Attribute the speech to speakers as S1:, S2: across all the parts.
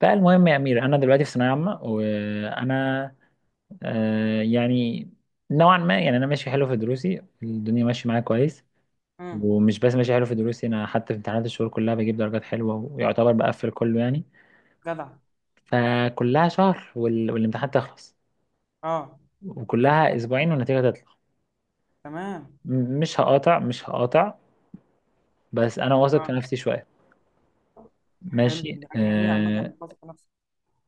S1: فالمهم يا أمير، أنا دلوقتي في ثانوية عامة. وأنا يعني نوعا ما، يعني أنا ماشي حلو في دروسي، الدنيا ماشية معايا كويس.
S2: امم.
S1: ومش بس ماشي حلو في دروسي، أنا حتى في امتحانات الشهور كلها بجيب درجات حلوة، ويعتبر بقفل كله يعني.
S2: جدع.
S1: فكلها شهر والامتحان تخلص،
S2: اه.
S1: وكلها أسبوعين والنتيجة تطلع.
S2: تمام.
S1: مش هقاطع، مش هقاطع. بس أنا واثق في
S2: اه.
S1: نفسي شوية.
S2: حلو،
S1: ماشي
S2: دي حاجه جميله عامه
S1: آه.
S2: انك تثق نفسك.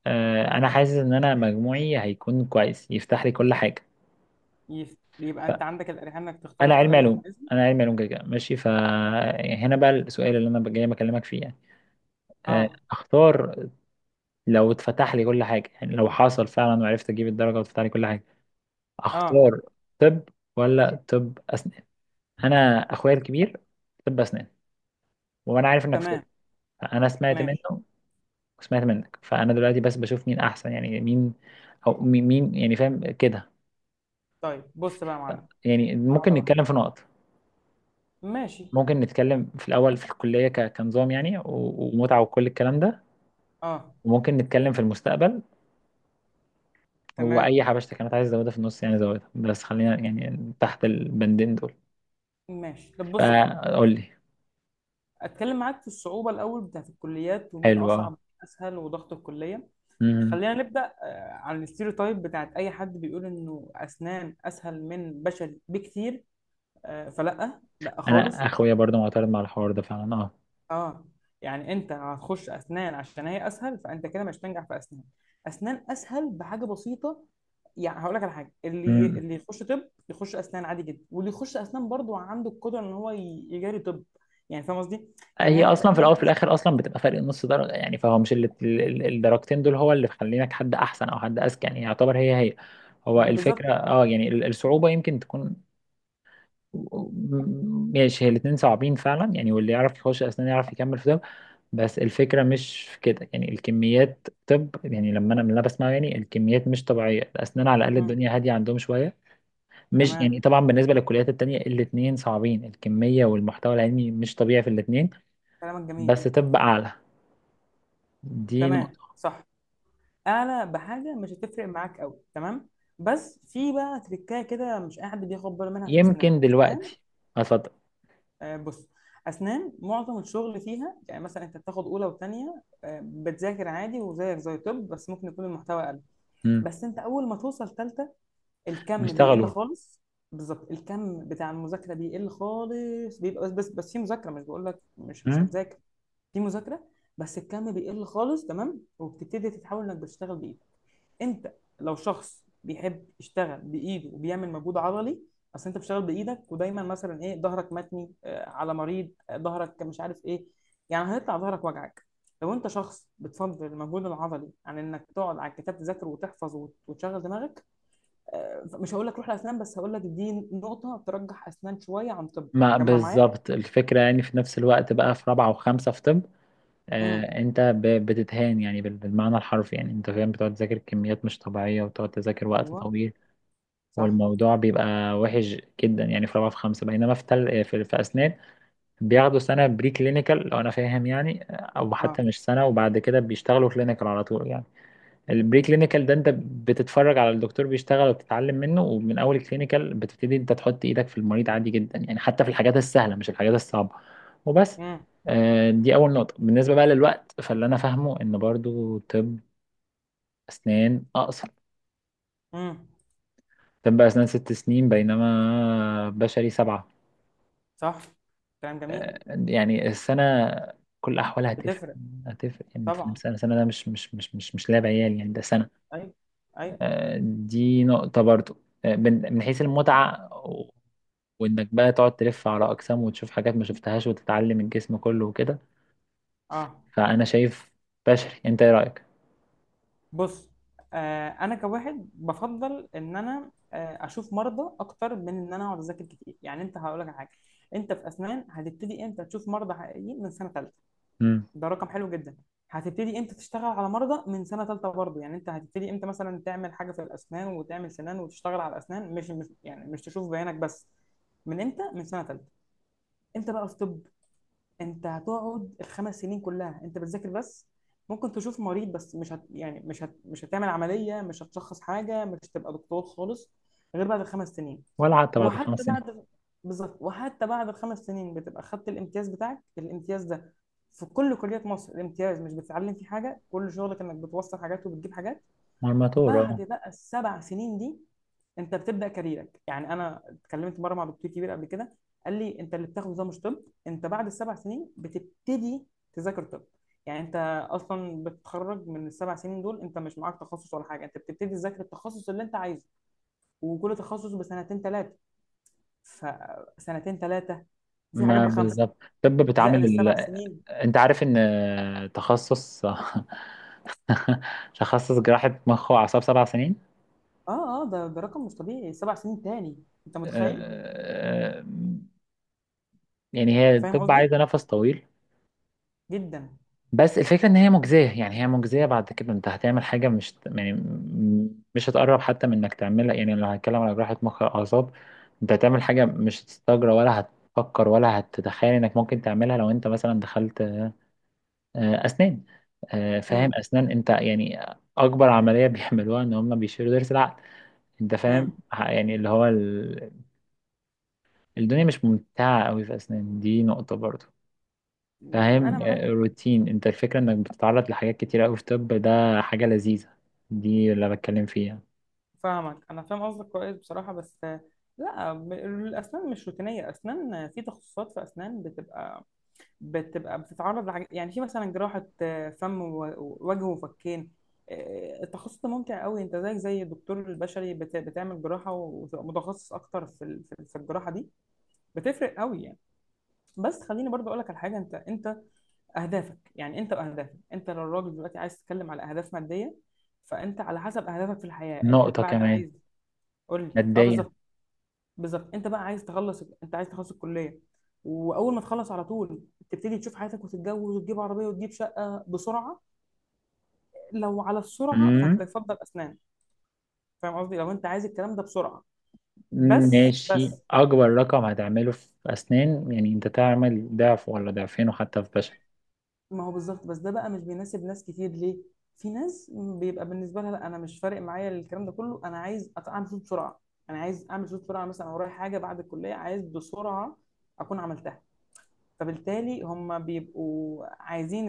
S1: أنا حاسس إن أنا مجموعي هيكون كويس، يفتح لي كل حاجة.
S2: يبقى انت عندك الاريحيه انك تختار
S1: انا
S2: الكليه
S1: علمي
S2: اللي انت
S1: علوم.
S2: عايزها.
S1: انا علمي علوم كده كده، ماشي. فهنا بقى السؤال اللي انا جاي بكلمك فيه يعني.
S2: اه.
S1: اختار. لو اتفتح لي كل حاجه، يعني لو حصل فعلا وعرفت اجيب الدرجه واتفتح لي كل حاجه،
S2: اه.
S1: اختار طب ولا طب اسنان. انا اخويا الكبير طب اسنان، وانا عارف انك في طب،
S2: تمام.
S1: فانا سمعت
S2: ماشي.
S1: منه وسمعت منك. فانا دلوقتي بس بشوف مين احسن، يعني مين، او يعني فاهم كده.
S2: طيب بص بقى يا
S1: ف-
S2: معلم.
S1: يعني ممكن
S2: واحده واحده.
S1: نتكلم في نقط.
S2: ماشي.
S1: ممكن نتكلم في الاول في الكليه كنظام، ومتعه وكل الكلام ده.
S2: اه.
S1: وممكن نتكلم في المستقبل. واي
S2: تمام.
S1: حبشتك كانت عايز ازودها في النص يعني زودها، بس خلينا يعني تحت البندين دول.
S2: ماشي، طب بص بقى،
S1: فقول لي.
S2: اتكلم معاك في الصعوبه الاول بتاعت الكليات، ومين
S1: حلو اه.
S2: اصعب ومين اسهل، وضغط الكليه.
S1: أمم.
S2: خلينا نبدا عن الستيreotype بتاعت اي حد بيقول انه اسنان اسهل من بشري بكتير. فلا لا خالص.
S1: انا اخويا برضه معترض مع الحوار ده فعلا اه.
S2: اه، يعني انت هتخش اسنان عشان هي اسهل، فانت كده مش هتنجح في اسنان. اسنان اسهل بحاجه بسيطه، يعني هقول لك على حاجه، اللي
S1: أمم.
S2: اللي يخش طب يخش اسنان عادي جدا، واللي يخش اسنان برضو عنده القدره ان هو يجاري طب. يعني فاهم قصدي. يعني
S1: هي
S2: هي بتتقال
S1: اصلا في الاول في
S2: انها
S1: الاخر اصلا بتبقى فرق نص درجه يعني، فهو مش الدرجتين دول هو اللي بيخلينك حد احسن او حد اذكى، يعني يعتبر هي هي. هو
S2: بالظبط.
S1: الفكره اه يعني الصعوبه يمكن تكون. ماشي، هي الاثنين صعبين فعلا يعني، واللي يعرف يخش اسنان يعرف يكمل في ده. بس الفكرة مش في كده، يعني الكميات طب يعني، لما أنا من اللي أنا بسمعه يعني الكميات مش طبيعية. الأسنان على الأقل
S2: مم.
S1: الدنيا هادية عندهم شوية. مش يعني
S2: تمام.
S1: طبعا، بالنسبة للكليات التانية الاتنين صعبين، الكمية والمحتوى العلمي مش طبيعي في الاتنين.
S2: كلامك
S1: بس
S2: جميل.
S1: طب أعلى. دي
S2: تمام
S1: نقطة.
S2: صح. اعلى بحاجه مش هتفرق معاك قوي، تمام. بس في بقى تريكايه كده مش اي حد بياخد باله منها في اسنان.
S1: يمكن دلوقتي. اتفضل.
S2: بص، اسنان معظم الشغل فيها، يعني مثلا انت بتاخد اولى وثانيه بتذاكر عادي وزيك زي طب، بس ممكن يكون المحتوى اقل.
S1: مم.
S2: بس انت اول ما توصل ثالثه الكم بيقل
S1: بيشتغلوا.
S2: خالص. بالظبط، الكم بتاع المذاكره بيقل خالص، بيبقى بس في مذاكره. مش بقول لك مش
S1: مم.
S2: هتذاكر، في مذاكره، بس الكم بيقل خالص، تمام. وبتبتدي تتحول انك بتشتغل بايدك. انت لو شخص بيحب يشتغل بايده وبيعمل مجهود عضلي، اصل انت بتشتغل بايدك، ودايما مثلا ايه ظهرك متني على مريض، ظهرك مش عارف ايه، يعني هيطلع ظهرك وجعك. لو انت شخص بتفضل المجهود العضلي عن انك تقعد على الكتاب تذاكر وتحفظ وتشغل دماغك، مش هقول لك روح لاسنان، بس هقول لك دي نقطه ترجح اسنان شويه عن طب،
S1: ما
S2: مجمع معايا.
S1: بالظبط الفكرة، يعني في نفس الوقت بقى في رابعة وخمسة في طب،
S2: امم.
S1: انت بتتهان يعني بالمعنى الحرفي يعني انت فاهم، بتقعد تذاكر كميات مش طبيعية وتقعد تذاكر وقت
S2: ايوه.
S1: طويل.
S2: صح.
S1: والموضوع بيبقى وحش جدا يعني في رابعة في خمسة. بينما في أسنان بياخدوا سنة بري كلينيكال لو أنا فاهم يعني، أو
S2: اه.
S1: حتى مش سنة، وبعد كده بيشتغلوا كلينيكال على طول يعني. البري كلينيكال ده أنت بتتفرج على الدكتور بيشتغل وبتتعلم منه، ومن أول الكلينيكال بتبتدي أنت تحط إيدك في المريض عادي جدا يعني، حتى في الحاجات السهلة مش الحاجات الصعبة. وبس.
S2: امم.
S1: دي أول نقطة. بالنسبة بقى للوقت، فاللي أنا فاهمه إن برضو طب أسنان أقصر.
S2: امم.
S1: طب أسنان ست سنين بينما بشري سبعة.
S2: صح. كلام جميل.
S1: آه، يعني السنة كل أحوالها هتفرق.
S2: بتفرق.
S1: هتفرق يعني أنت فاهم،
S2: طبعا.
S1: سنة سنة ده مش لعب عيال يعني، ده سنة.
S2: ايوه. ايوه.
S1: دي نقطة برضو. من حيث المتعة، وإنك بقى تقعد تلف على أقسام وتشوف حاجات ما شفتهاش وتتعلم الجسم كله وكده.
S2: اه.
S1: فأنا شايف بشري. أنت إيه رأيك؟
S2: بص، انا كواحد بفضل ان انا اشوف مرضى اكتر من ان انا اقعد اذاكر كتير. يعني انت هقول لك على حاجه، انت في اسنان هتبتدي امتى تشوف مرضى حقيقيين؟ من سنه ثالثه.
S1: مم.
S2: ده رقم حلو جدا. هتبتدي امتى تشتغل على مرضى؟ من سنه ثالثه برضه. يعني انت هتبتدي امتى مثلا تعمل حاجه في الاسنان وتعمل سنان وتشتغل على الاسنان، مش يعني مش تشوف بيانك بس؟ من امتى؟ من سنه ثالثه. انت بقى في طب، انت هتقعد الخمس سنين كلها انت بتذاكر بس، ممكن تشوف مريض بس مش هت يعني مش هتعمل عملية، مش هتشخص حاجة، مش هتبقى دكتور خالص غير بعد الخمس سنين.
S1: ولا حتى بعد الخمس
S2: وحتى
S1: سنين.
S2: بعد. بالظبط، وحتى بعد الخمس سنين بتبقى خدت الامتياز بتاعك. الامتياز ده في كل كليات مصر الامتياز مش بتتعلم فيه حاجة، كل شغلك انك بتوصل حاجات وبتجيب حاجات.
S1: مرمطور اه.
S2: بعد بقى السبع سنين دي انت بتبدا كاريرك. يعني انا اتكلمت مره مع دكتور كبير قبل كده، قال لي انت اللي بتاخده ده مش طب، انت بعد السبع سنين بتبتدي تذاكر طب. يعني انت اصلا بتتخرج من السبع سنين دول انت مش معاك تخصص ولا حاجه، انت بتبتدي تذاكر التخصص اللي انت عايزه. وكل تخصص بسنتين ثلاثه، فسنتين ثلاثه، وفي حاجات
S1: ما
S2: بخمسه
S1: بالظبط. طب
S2: زائد
S1: بتعامل
S2: السبع سنين.
S1: انت عارف ان تخصص تخصص جراحة مخ واعصاب سبع سنين.
S2: اه، اه، ده رقم مش طبيعي، سبع سنين تاني، انت متخيل؟
S1: آه، آه، يعني هي
S2: فاهم
S1: الطب
S2: قصدي
S1: عايزة نفس طويل.
S2: جدا.
S1: بس الفكرة إن هي مجزية، يعني هي مجزية، بعد كده أنت هتعمل حاجة، مش يعني مش هتقرب حتى من إنك تعملها، يعني لو هنتكلم على جراحة مخ أعصاب أنت هتعمل حاجة مش هتستجرى ولا هتفكر ولا هتتخيل إنك ممكن تعملها لو أنت مثلا دخلت أسنان. فاهم، أسنان أنت يعني أكبر عملية بيعملوها إن هم بيشيلوا ضرس العقل. أنت فاهم،
S2: امم.
S1: يعني اللي هو الدنيا مش ممتعة أوي في أسنان، دي نقطة برضو.
S2: مم، انا
S1: فاهم،
S2: معاك.
S1: روتين. انت الفكرة انك بتتعرض لحاجات كتيرة اوي في طب، ده حاجة لذيذة. دي اللي بتكلم فيها.
S2: فاهمك، انا فاهم قصدك كويس بصراحه، بس لا، الاسنان مش روتينيه. اسنان في تخصصات، في اسنان بتبقى بتتعرض لحاجات، يعني في مثلا جراحه فم ووجه وفكين. التخصص ده ممتع قوي، انت زيك زي الدكتور البشري بتعمل جراحه، وتبقى متخصص اكتر في ال- في في الجراحه دي. بتفرق قوي يعني. بس خليني برضو اقول لك على حاجه، انت اهدافك، يعني انت واهدافك، انت لو الراجل دلوقتي عايز تتكلم على اهداف ماديه، فانت على حسب اهدافك في الحياه، انت
S1: نقطة
S2: بعد
S1: كمان:
S2: عايز. قول لي. اه
S1: ماديا.
S2: بالظبط. بالظبط انت بقى عايز تخلص، انت عايز تخلص الكليه واول ما تخلص على طول تبتدي تشوف حياتك وتتجوز وتجيب عربيه وتجيب شقه بسرعه. لو على السرعه فانت
S1: امم.
S2: يفضل اسنان. فاهم قصدي، لو انت عايز الكلام ده بسرعه. بس
S1: ماشي،
S2: بس
S1: اكبر رقم هتعمله في اسنان يعني انت تعمل ضعف ولا ضعفين وحتى في بشر.
S2: ما هو بالظبط، بس ده بقى مش بيناسب ناس كتير. ليه؟ في ناس بيبقى بالنسبه لها لا انا مش فارق معايا الكلام ده كله، انا عايز اعمل فلوس بسرعه. انا عايز اعمل فلوس بسرعه، مثلا ورايا حاجه بعد الكليه عايز بسرعه اكون عملتها. فبالتالي هم بيبقوا عايزين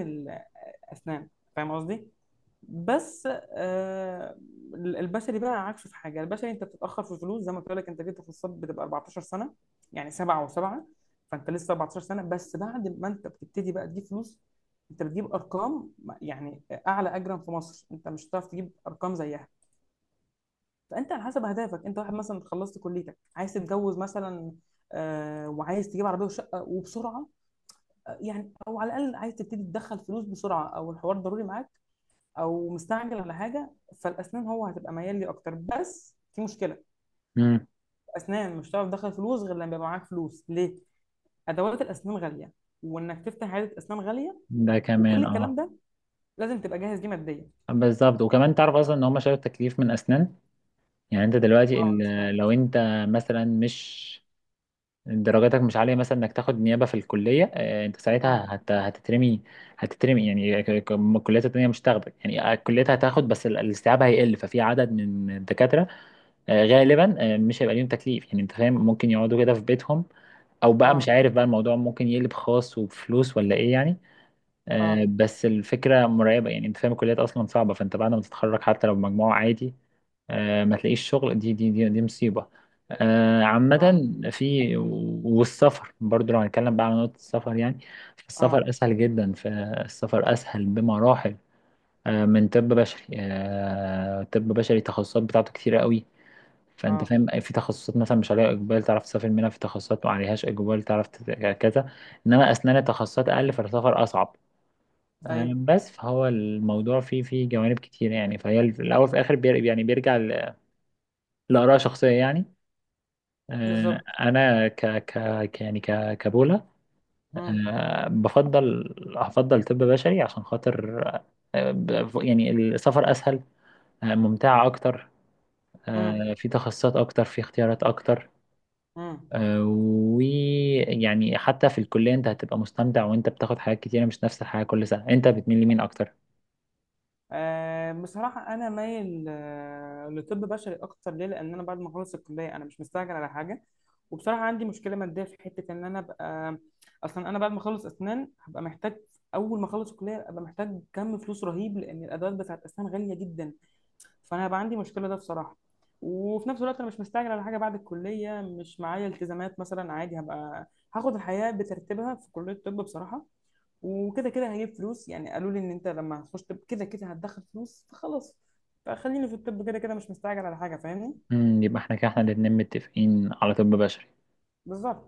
S2: اسنان. فاهم قصدي. بس. آه. البشري بقى عكسه في حاجه، البشري انت بتتاخر في الفلوس. زي ما قلت لك انت جبت كورسات بتبقى 14 سنه، يعني سبعه وسبعه. فانت لسه 14 سنه، بس بعد ما انت بتبتدي بقى تجيب فلوس، انت بتجيب ارقام. يعني اعلى اجرا في مصر انت مش هتعرف تجيب ارقام زيها. فانت على حسب اهدافك، انت واحد مثلا خلصت كليتك عايز تتجوز مثلا، آه، وعايز تجيب عربيه وشقه وبسرعه، يعني او على الاقل عايز تبتدي تدخل فلوس بسرعه، او الحوار ضروري معاك، او مستعجل على حاجه، فالاسنان هو هتبقى ميال لي اكتر. بس في مشكله،
S1: امم.
S2: اسنان مش هتعرف تدخل فلوس غير لما يبقى معاك فلوس، ليه؟ ادوات الاسنان غاليه، وانك تفتح عياده اسنان غاليه،
S1: ده
S2: وكل
S1: كمان
S2: الكلام
S1: اه.
S2: ده لازم تبقى جاهز ليه ماديا.
S1: بالظبط، وكمان تعرف اصلا ان هم شالوا التكليف من اسنان. يعني انت دلوقتي
S2: اه أنا سمعت.
S1: لو انت مثلا مش، درجاتك مش عالية مثلا، انك تاخد نيابة في الكلية. انت
S2: اه.
S1: ساعتها هتترمي. هتترمي يعني، الكليات التانية مش هتاخدك يعني. الكليات هتاخد بس الاستيعاب هيقل، ففي عدد من الدكاترة غالبا مش هيبقى ليهم تكليف، يعني انت فاهم ممكن يقعدوا كده في بيتهم، او بقى مش
S2: اه.
S1: عارف، بقى الموضوع ممكن يقلب خاص وبفلوس ولا ايه يعني.
S2: اه.
S1: بس الفكرة مرعبة يعني انت فاهم، الكليات اصلا صعبة، فانت بعد ما تتخرج حتى لو بمجموع عادي ما تلاقيش شغل. دي مصيبة عامة.
S2: اه.
S1: في، والسفر برضو لو هنتكلم بقى على نقطة السفر يعني السفر
S2: اه.
S1: أسهل جدا، فالسفر أسهل بمراحل من طب بشري. طب بشري التخصصات بتاعته كتيرة قوي، فأنت
S2: اه.
S1: فاهم في تخصصات مثلا مش عليها إقبال تعرف تسافر منها، في تخصصات ما عليهاش إقبال تعرف كذا. إنما أسنان تخصصات أقل فالسفر أصعب.
S2: ايوه.
S1: بس فهو الموضوع فيه جوانب كتيرة يعني، فهي الأول في الآخر يعني بيرجع لآراء شخصية يعني. آه،
S2: بالظبط.
S1: انا ك ك ك- يعني ك كبولا،
S2: امم.
S1: بفضل، هفضل طب بشري عشان خاطر يعني السفر اسهل، ممتعة اكتر،
S2: امم.
S1: في تخصصات اكتر، في اختيارات اكتر.
S2: امم.
S1: ويعني حتى في الكلية انت هتبقى مستمتع وانت بتاخد حاجات كتيرة مش نفس الحاجة كل سنة. انت بتميل لمين اكتر؟
S2: بصراحة أنا مايل لطب بشري أكتر. ليه؟ لأن أنا بعد ما أخلص الكلية أنا مش مستعجل على حاجة. وبصراحة عندي مشكلة مادية في حتة إن أنا أبقى، أصلا أنا بعد ما أخلص أسنان هبقى محتاج، أول ما أخلص الكلية أبقى محتاج كم فلوس رهيب، لأن الأدوات بتاعت أسنان غالية جدا، فأنا هبقى عندي مشكلة ده بصراحة. وفي نفس الوقت أنا مش مستعجل على حاجة بعد الكلية، مش معايا التزامات مثلا، عادي هبقى هاخد الحياة بترتيبها في كلية الطب بصراحة. وكده كده هجيب فلوس، يعني قالوا لي ان انت لما هتخش طب كده كده هتدخل فلوس، فخلاص فخليني في الطب، كده كده مش مستعجل على حاجه. فاهمني.
S1: مم، يبقى احنا كده احنا الاتنين متفقين على طب بشري.
S2: بالظبط.